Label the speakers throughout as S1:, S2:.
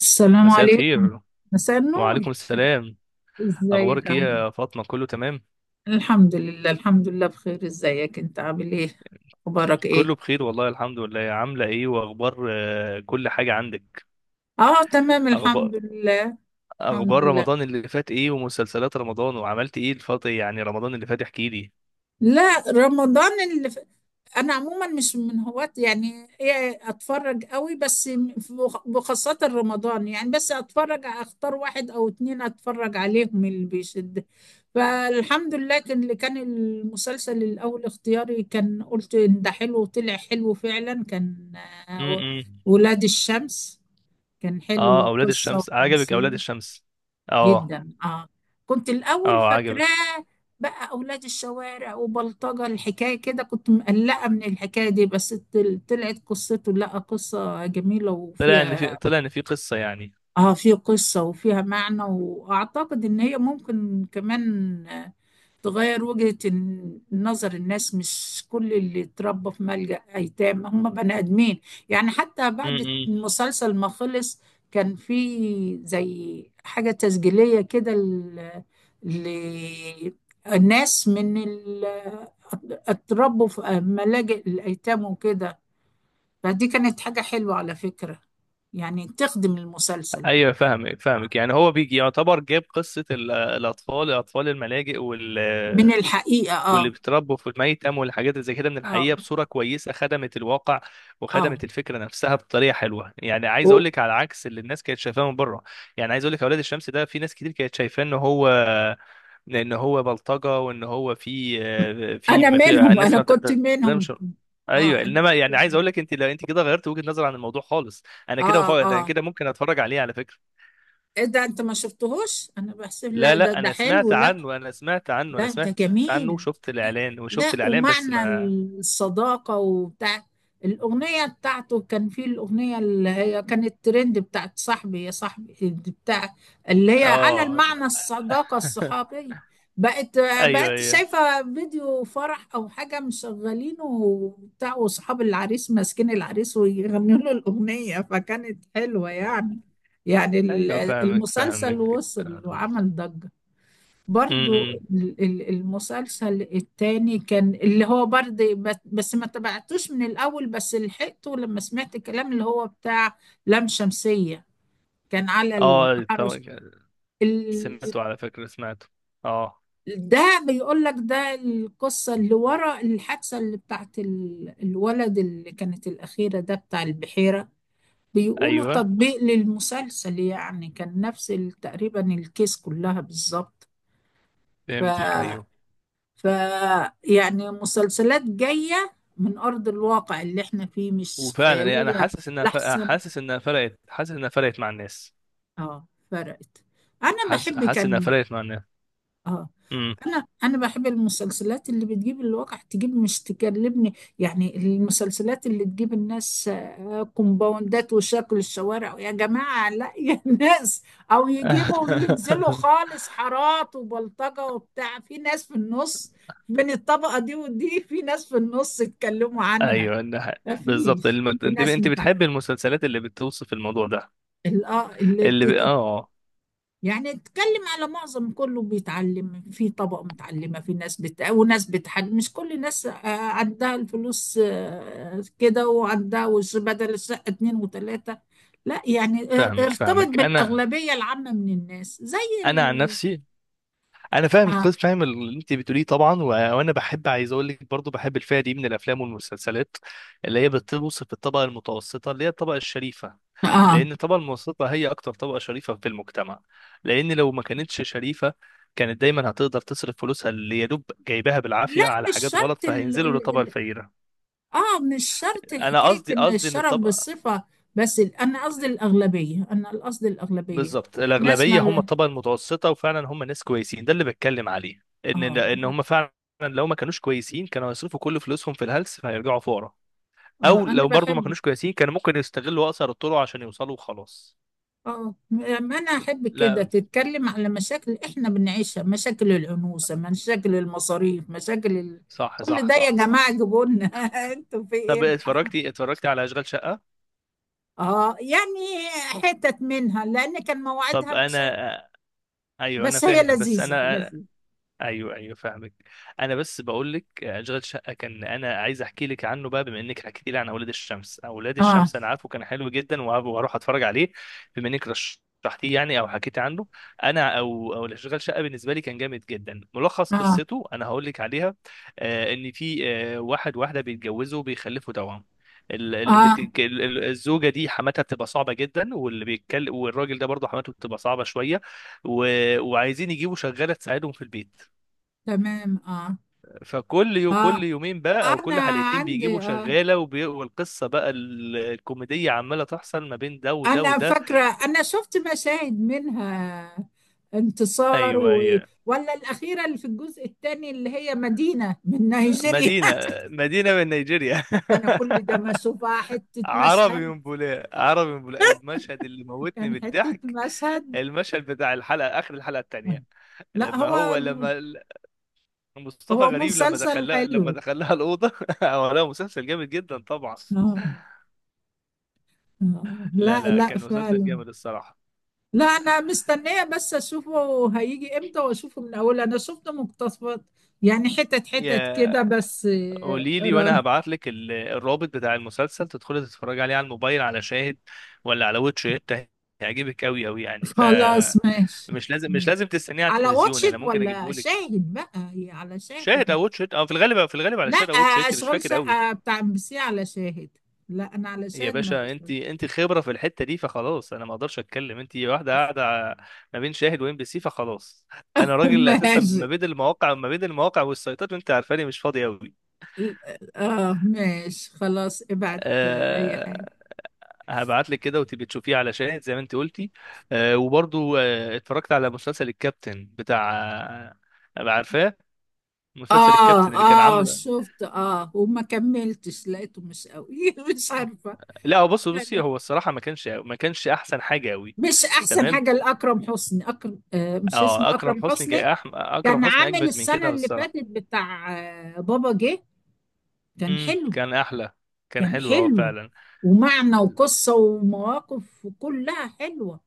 S1: السلام
S2: مساء
S1: عليكم.
S2: الخير،
S1: مساء النور.
S2: وعليكم السلام.
S1: ازيك
S2: اخبارك ايه
S1: عامل
S2: يا فاطمه؟ كله تمام؟
S1: إيه؟ الحمد لله، الحمد لله، بخير. ازيك انت عامل ايه؟ اخبارك ايه؟
S2: كله بخير والله الحمد لله. عامله ايه؟ واخبار كل حاجه عندك؟
S1: اه، تمام الحمد
S2: اخبار
S1: لله. الحمد
S2: اخبار
S1: لله.
S2: رمضان اللي فات ايه؟ ومسلسلات رمضان وعملت ايه الفتره؟ يعني رمضان اللي فات احكي لي.
S1: لا، رمضان اللي انا عموما مش من هواة، يعني ايه، اتفرج قوي بس بخاصة رمضان يعني. بس اتفرج، اختار واحد او اتنين اتفرج عليهم اللي بيشد. فالحمد لله كان، اللي كان المسلسل الاول اختياري، كان قلت ان ده حلو وطلع حلو فعلا. كان آه،
S2: امم.
S1: ولاد الشمس. كان
S2: اه،
S1: حلو،
S2: اولاد
S1: قصة
S2: الشمس عجبك؟ اولاد
S1: وتمثيل،
S2: الشمس. اه.
S1: جدا اه. كنت الاول
S2: اه، عجبك.
S1: فاكراه بقى اولاد الشوارع وبلطجه، الحكايه كده كنت مقلقه من الحكايه دي، بس طلعت قصته، لا قصه جميله
S2: طلع ان في
S1: وفيها.
S2: طلع ان في قصه يعني.
S1: اه، في قصه وفيها معنى، واعتقد ان هي ممكن كمان تغير وجهة النظر، الناس مش كل اللي اتربى في ملجأ أيتام هم بني آدمين. يعني حتى بعد
S2: امم.
S1: المسلسل ما خلص، كان في زي حاجة تسجيلية كده للناس اتربوا في ملاجئ الأيتام وكده. فدي كانت حاجة حلوة على فكرة، يعني تخدم المسلسل
S2: ايوه، فاهمك. يعني هو بيجي يعتبر جاب قصه الاطفال، اطفال الملاجئ، وال
S1: من الحقيقة.
S2: واللي
S1: اه،
S2: بيتربوا في الميتم والحاجات اللي زي كده، من
S1: اه،
S2: الحقيقه بصوره كويسه، خدمت الواقع
S1: اه،
S2: وخدمت الفكره نفسها بطريقه حلوه. يعني عايز اقول
S1: و-
S2: لك على عكس اللي الناس كانت شايفاه من بره. يعني عايز اقول لك اولاد الشمس ده، في ناس كتير كانت شايفاه ان هو بلطجه، وان هو في
S1: انا
S2: ما في
S1: منهم،
S2: الناس
S1: انا
S2: ما
S1: كنت منهم.
S2: بتحترمش. ايوه،
S1: اه، انا
S2: انما يعني
S1: بحسب
S2: عايز اقول لك، لو انت كده غيرت وجهه نظر عن الموضوع خالص.
S1: اه،
S2: انا
S1: اه،
S2: كده ممكن اتفرج عليه على فكره.
S1: ايه ده؟ انت ما شفتهوش؟ انا بحسب،
S2: لا،
S1: لا، ده،
S2: لا،
S1: ده
S2: انا
S1: حلو.
S2: سمعت
S1: لا،
S2: عنه انا سمعت عنه انا
S1: لا ده
S2: سمعت عنه
S1: جميل.
S2: وشفت الاعلان وشفت
S1: لا،
S2: الاعلان بس
S1: ومعنى
S2: ما...
S1: الصداقة وبتاع، الأغنية بتاعته، كان في الأغنية اللي هي كانت ترند، بتاعت صاحبي يا صاحبي دي، بتاع اللي هي على
S2: اه،
S1: المعنى، الصداقة الصحابية. بقت
S2: ايوه،
S1: بقت
S2: ايوه.
S1: شايفة فيديو فرح أو حاجة مشغلينه وبتاع، وصحاب العريس ماسكين العريس ويغنوا له الأغنية، فكانت حلوة يعني. يعني ال-
S2: ايوه، فاهمك
S1: المسلسل
S2: فاهمك
S1: وصل
S2: امم.
S1: وعمل ضجة. برضو
S2: إمم.
S1: المسلسل التاني، كان اللي هو برضه، بس ما تبعتوش من الأول، بس لحقته لما سمعت الكلام اللي هو بتاع لام شمسية، كان على
S2: اه، طبعا
S1: التحرش ال-
S2: سمعته، على فكرة، سمعته. اه.
S1: ده. بيقول لك، ده القصة اللي ورا الحادثة اللي بتاعت الولد، اللي كانت الأخيرة ده بتاع البحيرة، بيقولوا
S2: ايوه،
S1: تطبيق للمسلسل يعني. كان نفس تقريبا الكيس كلها بالظبط.
S2: فهمتك، ايوه.
S1: ف ف يعني مسلسلات جاية من أرض الواقع اللي احنا فيه، مش
S2: وفعلا يعني انا
S1: خيالية.
S2: حاسس انها ف...
S1: لحسن
S2: حاسس انها فرقت مع الناس.
S1: اه، فرقت. أنا
S2: حاسس
S1: بحب،
S2: حاسس انها
S1: كان
S2: فرقت مع الناس.
S1: اه،
S2: امم.
S1: انا بحب المسلسلات اللي بتجيب الواقع، تجيب، مش تكلمني يعني المسلسلات اللي تجيب الناس كومباوندات وشكل الشوارع. يا جماعة لا، يا ناس، او يجيبوا وينزلوا خالص حارات وبلطجة وبتاع. في ناس في النص بين الطبقة دي ودي، في ناس في النص اتكلموا عنها.
S2: ايوه، إنها ح-، بالظبط
S1: مفيش.
S2: الم... انت
S1: في ناس
S2: انت
S1: بتاع
S2: بتحب المسلسلات اللي بتوصف الموضوع ده.
S1: اللي
S2: اللي ب... اه. آه.
S1: يعني اتكلم على معظم، كله بيتعلم في طبقة متعلمة. في وناس بتحج، مش كل الناس عندها الفلوس كده، وعندها وش بدل الشقة اتنين وتلاتة. لا يعني
S2: فاهمك
S1: ارتبط
S2: فاهمك انا
S1: بالأغلبية العامة من الناس زي
S2: انا عن نفسي، انا فاهم
S1: آه.
S2: قص فاهم اللي انت بتقوليه طبعا، و-، وانا بحب، عايز اقول لك، برضو بحب الفئه دي من الافلام والمسلسلات اللي هي بتوصف الطبقه المتوسطه اللي هي الطبقه الشريفه.
S1: آه.
S2: لان الطبقه المتوسطه هي اكتر طبقه شريفه في المجتمع. لان لو ما كانتش شريفه كانت دايما هتقدر تصرف فلوسها اللي يا دوب جايباها
S1: لا،
S2: بالعافيه على
S1: مش
S2: حاجات غلط،
S1: شرط
S2: فهينزلوا للطبقه الفقيره.
S1: اه، مش شرط
S2: انا
S1: حكاية
S2: قصدي،
S1: ان
S2: ان
S1: الشرف
S2: الطبقه،
S1: بالصفة. بس انا قصدي الأغلبية، انا قصدي الأغلبية،
S2: بالظبط
S1: ناس
S2: الاغلبيه هم
S1: ما،
S2: الطبقه المتوسطه، وفعلا هم ناس كويسين، ده اللي بتكلم عليه، ان
S1: اه،
S2: ان
S1: آه.
S2: هم فعلا لو ما كانوش كويسين كانوا هيصرفوا كل فلوسهم في الهلس فهيرجعوا فقراء. او
S1: أنا
S2: لو برضو ما
S1: بحب
S2: كانوش كويسين كانوا ممكن يستغلوا اقصر الطرق عشان يوصلوا وخلاص.
S1: اه، ما انا احب كده،
S2: لا،
S1: تتكلم على مشاكل احنا بنعيشها، مشاكل الانوثه، مشاكل المصاريف،
S2: صح،
S1: كل
S2: صح،
S1: ده يا
S2: صح.
S1: جماعه جيبوا لنا. انتوا في
S2: طب،
S1: ايه؟
S2: اتفرجتي على اشغال شقه؟
S1: اه يعني، حتت منها، لان كان
S2: طب
S1: مواعيدها مش،
S2: انا... ايوه، انا
S1: بس هي
S2: فاهم، بس
S1: لذيذه
S2: انا...
S1: لذيذه.
S2: ايوه، ايوه، فاهمك. انا بس بقول لك اشغال شقه كان، انا عايز احكي لك عنه بقى بما انك حكيتي لي عن اولاد الشمس. اولاد
S1: اه،
S2: الشمس انا عارفه كان حلو جدا، وهروح اتفرج عليه بما انك رشحتيه يعني او حكيتي عنه. انا، او اشغال شقه بالنسبه لي كان جامد جدا. ملخص
S1: اه،
S2: قصته انا هقول لك عليها. ان في واحد واحده بيتجوزوا وبيخلفوا توأم. ال- اللي
S1: اه،
S2: بتتج- ال- ال- الزوجه دي حماتها بتبقى صعبه جدا، واللي بيتكلم والراجل ده برضه حماته بتبقى صعبه شويه، و... وعايزين يجيبوا شغاله تساعدهم في البيت.
S1: تمام، اه،
S2: فكل يو كل
S1: اه،
S2: يومين بقى، او
S1: انا
S2: كل حلقتين،
S1: عندي
S2: بيجيبوا
S1: اه.
S2: شغاله، وبي... والقصه بقى الكوميديه عماله تحصل ما بين ده وده
S1: أنا
S2: وده.
S1: فاكرة، أنا شفت مشاهد منها، انتصار
S2: ايوه، ايوه.
S1: ولا الأخيرة، اللي في الجزء الثاني، اللي هي مدينة من نيجيريا.
S2: مدينه مدينه من نيجيريا.
S1: ده أنا كل ده ما أشوفها، حتة
S2: عربي
S1: مشهد،
S2: من بولاق عربي من بولاق المشهد اللي موتني من
S1: كان حتة
S2: الضحك.
S1: مشهد.
S2: المشهد بتاع الحلقه، اخر الحلقه الثانيه،
S1: لا
S2: لما
S1: هو
S2: هو لما ال- مصطفى
S1: هو
S2: غريب لما
S1: مسلسل
S2: دخلها لما
S1: حلو
S2: دخلها الاوضه. هو، لا، مسلسل جامد جدا طبعا.
S1: آه، آه. لا،
S2: لا، لا،
S1: لا
S2: كان مسلسل
S1: فعلا.
S2: جامد الصراحه.
S1: لا، أنا مستنية بس أشوفه هيجي إمتى وأشوفه من أول. أنا شفت مقتطفات يعني، حتت حتت كده
S2: يا،
S1: بس.
S2: قولي لي وانا
S1: آه،
S2: هبعت لك الرابط بتاع المسلسل تدخلي تتفرجي عليه على الموبايل، على شاهد ولا على واتش إت. هيعجبك قوي قوي، يعني، ف-،
S1: خلاص ماشي.
S2: مش لازم تستنيه على
S1: على
S2: التلفزيون،
S1: واتشد
S2: انا ممكن
S1: ولا
S2: اجيبه لك.
S1: شاهد بقى؟ هي على
S2: شاهد
S1: شاهد.
S2: او واتش إت، او في الغالب، على
S1: لا،
S2: شاهد او واتش إت، مش
S1: اشغال
S2: فاكر قوي.
S1: شقة بتاع ام بي سي على شاهد. لا، انا على
S2: يا
S1: شاهد، ما
S2: باشا،
S1: بس.
S2: انت خبره في الحته دي، فخلاص انا ما اقدرش اتكلم، انت واحده قاعده ع-، ما بين شاهد وام بي سي، فخلاص. انا راجل اساسا،
S1: ماشي،
S2: ما بين المواقع والسيطات، وانت عارفاني مش فاضي.
S1: اه، ماشي خلاص، ابعت اي
S2: قوي.
S1: حاجة.
S2: هبعت لك كده وتبقي تشوفيه على شاهد زي ما انت قلتي. آه، وبرضو آه، اتفرجت على مسلسل الكابتن بتاع. آه، عارفاه مسلسل
S1: اه،
S2: الكابتن اللي كان
S1: اه
S2: عامله؟
S1: شفت، اه وما كملتش، لقيته مش قوي. مش عارفة.
S2: لا، هو، بص، بصي، هو الصراحه ما كانش احسن حاجه قوي.
S1: مش احسن
S2: تمام.
S1: حاجة لاكرم حسني. اكرم آه مش
S2: اه،
S1: اسمه اكرم حسني؟
S2: اكرم
S1: كان
S2: حسني
S1: عامل
S2: اجمد من
S1: السنة
S2: كده
S1: اللي
S2: الصراحه.
S1: فاتت بتاع بابا جه، كان
S2: امم،
S1: حلو.
S2: كان احلى. كان
S1: كان
S2: حلو، اه
S1: حلو،
S2: فعلا.
S1: ومعنى وقصة ومواقف، كلها حلوة.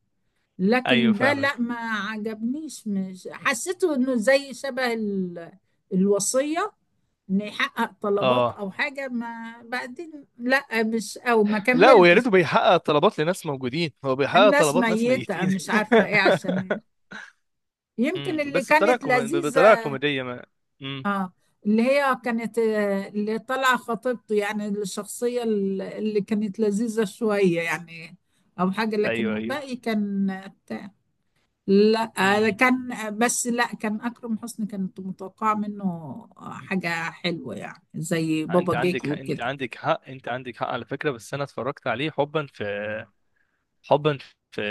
S1: لكن
S2: ايوه،
S1: ده لا،
S2: فاهمك.
S1: ما عجبنيش، مش حسيته انه زي شبه الوصية، ان يحقق طلبات
S2: اه،
S1: او حاجة، ما بعدين لا، مش، او ما
S2: لا، ويا
S1: كملتش.
S2: ريته بيحقق طلبات لناس موجودين، هو بيحقق
S1: الناس
S2: طلبات ناس
S1: ميتة،
S2: ميتين.
S1: مش عارفة ايه. عشان يمكن
S2: امم،
S1: اللي
S2: بس بطريقه
S1: كانت
S2: بطريقه
S1: لذيذة
S2: كوميديه ما. امم.
S1: اه، اللي هي كانت اللي طالعه خطيبته يعني، الشخصيه اللي كانت لذيذه شويه يعني، او حاجه. لكن
S2: ايوه، ايوه.
S1: الباقي كان بتاع، لا
S2: امم.
S1: كان بس، لا، كان اكرم حسني كانت متوقعه منه حاجه حلوه يعني، زي
S2: انت
S1: بابا جيك
S2: عندك حق،
S1: وكده.
S2: على فكره، بس انا اتفرجت عليه حبا في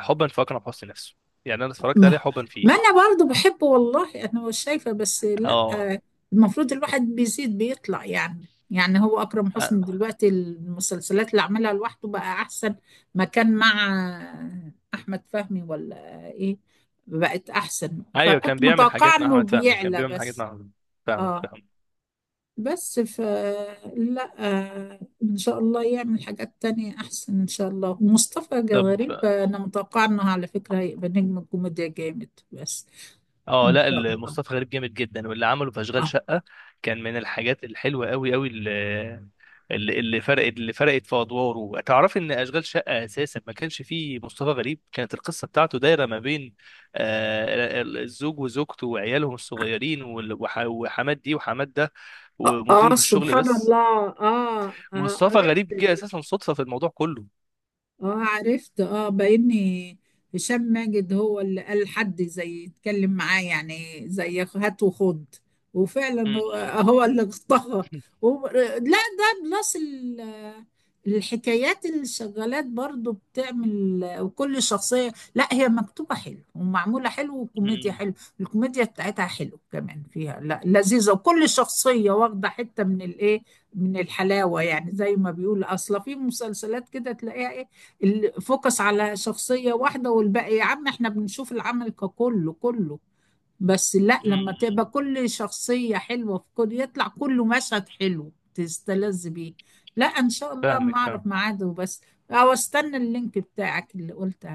S2: حبا في اكرم حسني نفسه. يعني انا اتفرجت
S1: ما,
S2: عليه حبا فيه.
S1: ما انا برضو بحبه والله، انا مش شايفه بس. لا
S2: اه.
S1: المفروض الواحد بيزيد بيطلع يعني. يعني هو اكرم حسني
S2: أ-،
S1: دلوقتي، المسلسلات اللي عملها لوحده بقى احسن ما كان مع احمد فهمي ولا ايه، بقت احسن،
S2: ايوه، كان
S1: فكنت
S2: بيعمل
S1: متوقعه
S2: حاجات مع
S1: انه
S2: احمد فهمي،
S1: بيعلى بس.
S2: فاهمك
S1: اه،
S2: فاهمك.
S1: بس ف، لا ان شاء الله يعمل حاجات تانية احسن ان شاء الله. ومصطفى
S2: طب،
S1: غريب انا متوقعه انه على فكره هيبقى نجم الكوميديا جامد بس،
S2: اه،
S1: ما
S2: لا،
S1: شاء الله.
S2: مصطفى غريب جامد جدا، واللي عمله في اشغال
S1: اه،
S2: شقه كان من الحاجات الحلوه قوي قوي، اللي فرقت في ادواره. تعرف ان اشغال شقه اساسا ما كانش فيه مصطفى غريب، كانت القصه بتاعته دايره ما بين الزوج وزوجته وعيالهم الصغيرين، وحماد دي وحماد ده،
S1: اه،
S2: ومديره في الشغل
S1: سبحان
S2: بس.
S1: الله. اه،
S2: مصطفى غريب
S1: قريت،
S2: جه اساسا صدفه في الموضوع كله.
S1: اه، عرفت اه، بإني هشام ماجد هو اللي قال حد زي، يتكلم معاه، يعني زي هات وخد. وفعلا، هو
S2: م-
S1: هو اللي طغى
S2: م-
S1: و- لا ده بلس الحكايات اللي شغالات برضو بتعمل، وكل شخصية، لا هي مكتوبة حلو ومعمولة حلو
S2: م-
S1: وكوميديا
S2: م-
S1: حلو. الكوميديا بتاعتها حلو كمان، فيها لا لذيذة. وكل شخصية واخدة حتة من الايه، من الحلاوة. يعني زي ما بيقول، أصلا في مسلسلات كده تلاقيها الفوكس على شخصية واحدة، والباقي يا عم احنا بنشوف العمل ككله كله. بس لا،
S2: م- م-
S1: لما تبقى
S2: م-
S1: كل شخصية حلوة في كل، يطلع كله مشهد حلو تستلذ بيه. لا، ان شاء الله، ما
S2: فاهمك،
S1: اعرف
S2: فاهم.
S1: ميعاده بس، او استنى اللينك بتاعك اللي قلت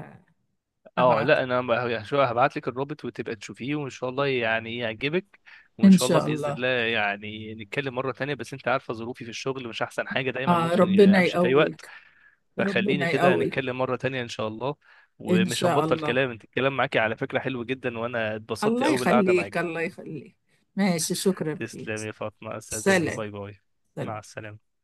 S2: اه،
S1: ابعت.
S2: لا، انا ب-، يعني، شو-، هبعت لك الرابط وتبقى تشوفيه وان شاء الله يعني يعجبك. وان
S1: ان
S2: شاء الله
S1: شاء
S2: باذن
S1: الله.
S2: الله يعني نتكلم مره تانية، بس انت عارفه ظروفي في الشغل مش احسن حاجه، دايما ممكن
S1: ربنا
S2: امشي في اي وقت.
S1: يقويك،
S2: فخليني
S1: ربنا
S2: كده
S1: يقويك،
S2: نتكلم مره تانية ان شاء الله.
S1: ان
S2: ومش
S1: شاء
S2: هنبطل
S1: الله.
S2: كلام، انت الكلام معاكي على فكره حلو جدا، وانا اتبسطت
S1: الله
S2: قوي بالقعده
S1: يخليك،
S2: معاكي.
S1: الله يخليك. ماشي، شكرا فيك.
S2: تسلمي يا فاطمه، استاذنك.
S1: سلام.
S2: باي باي. مع
S1: سلام.
S2: السلامه.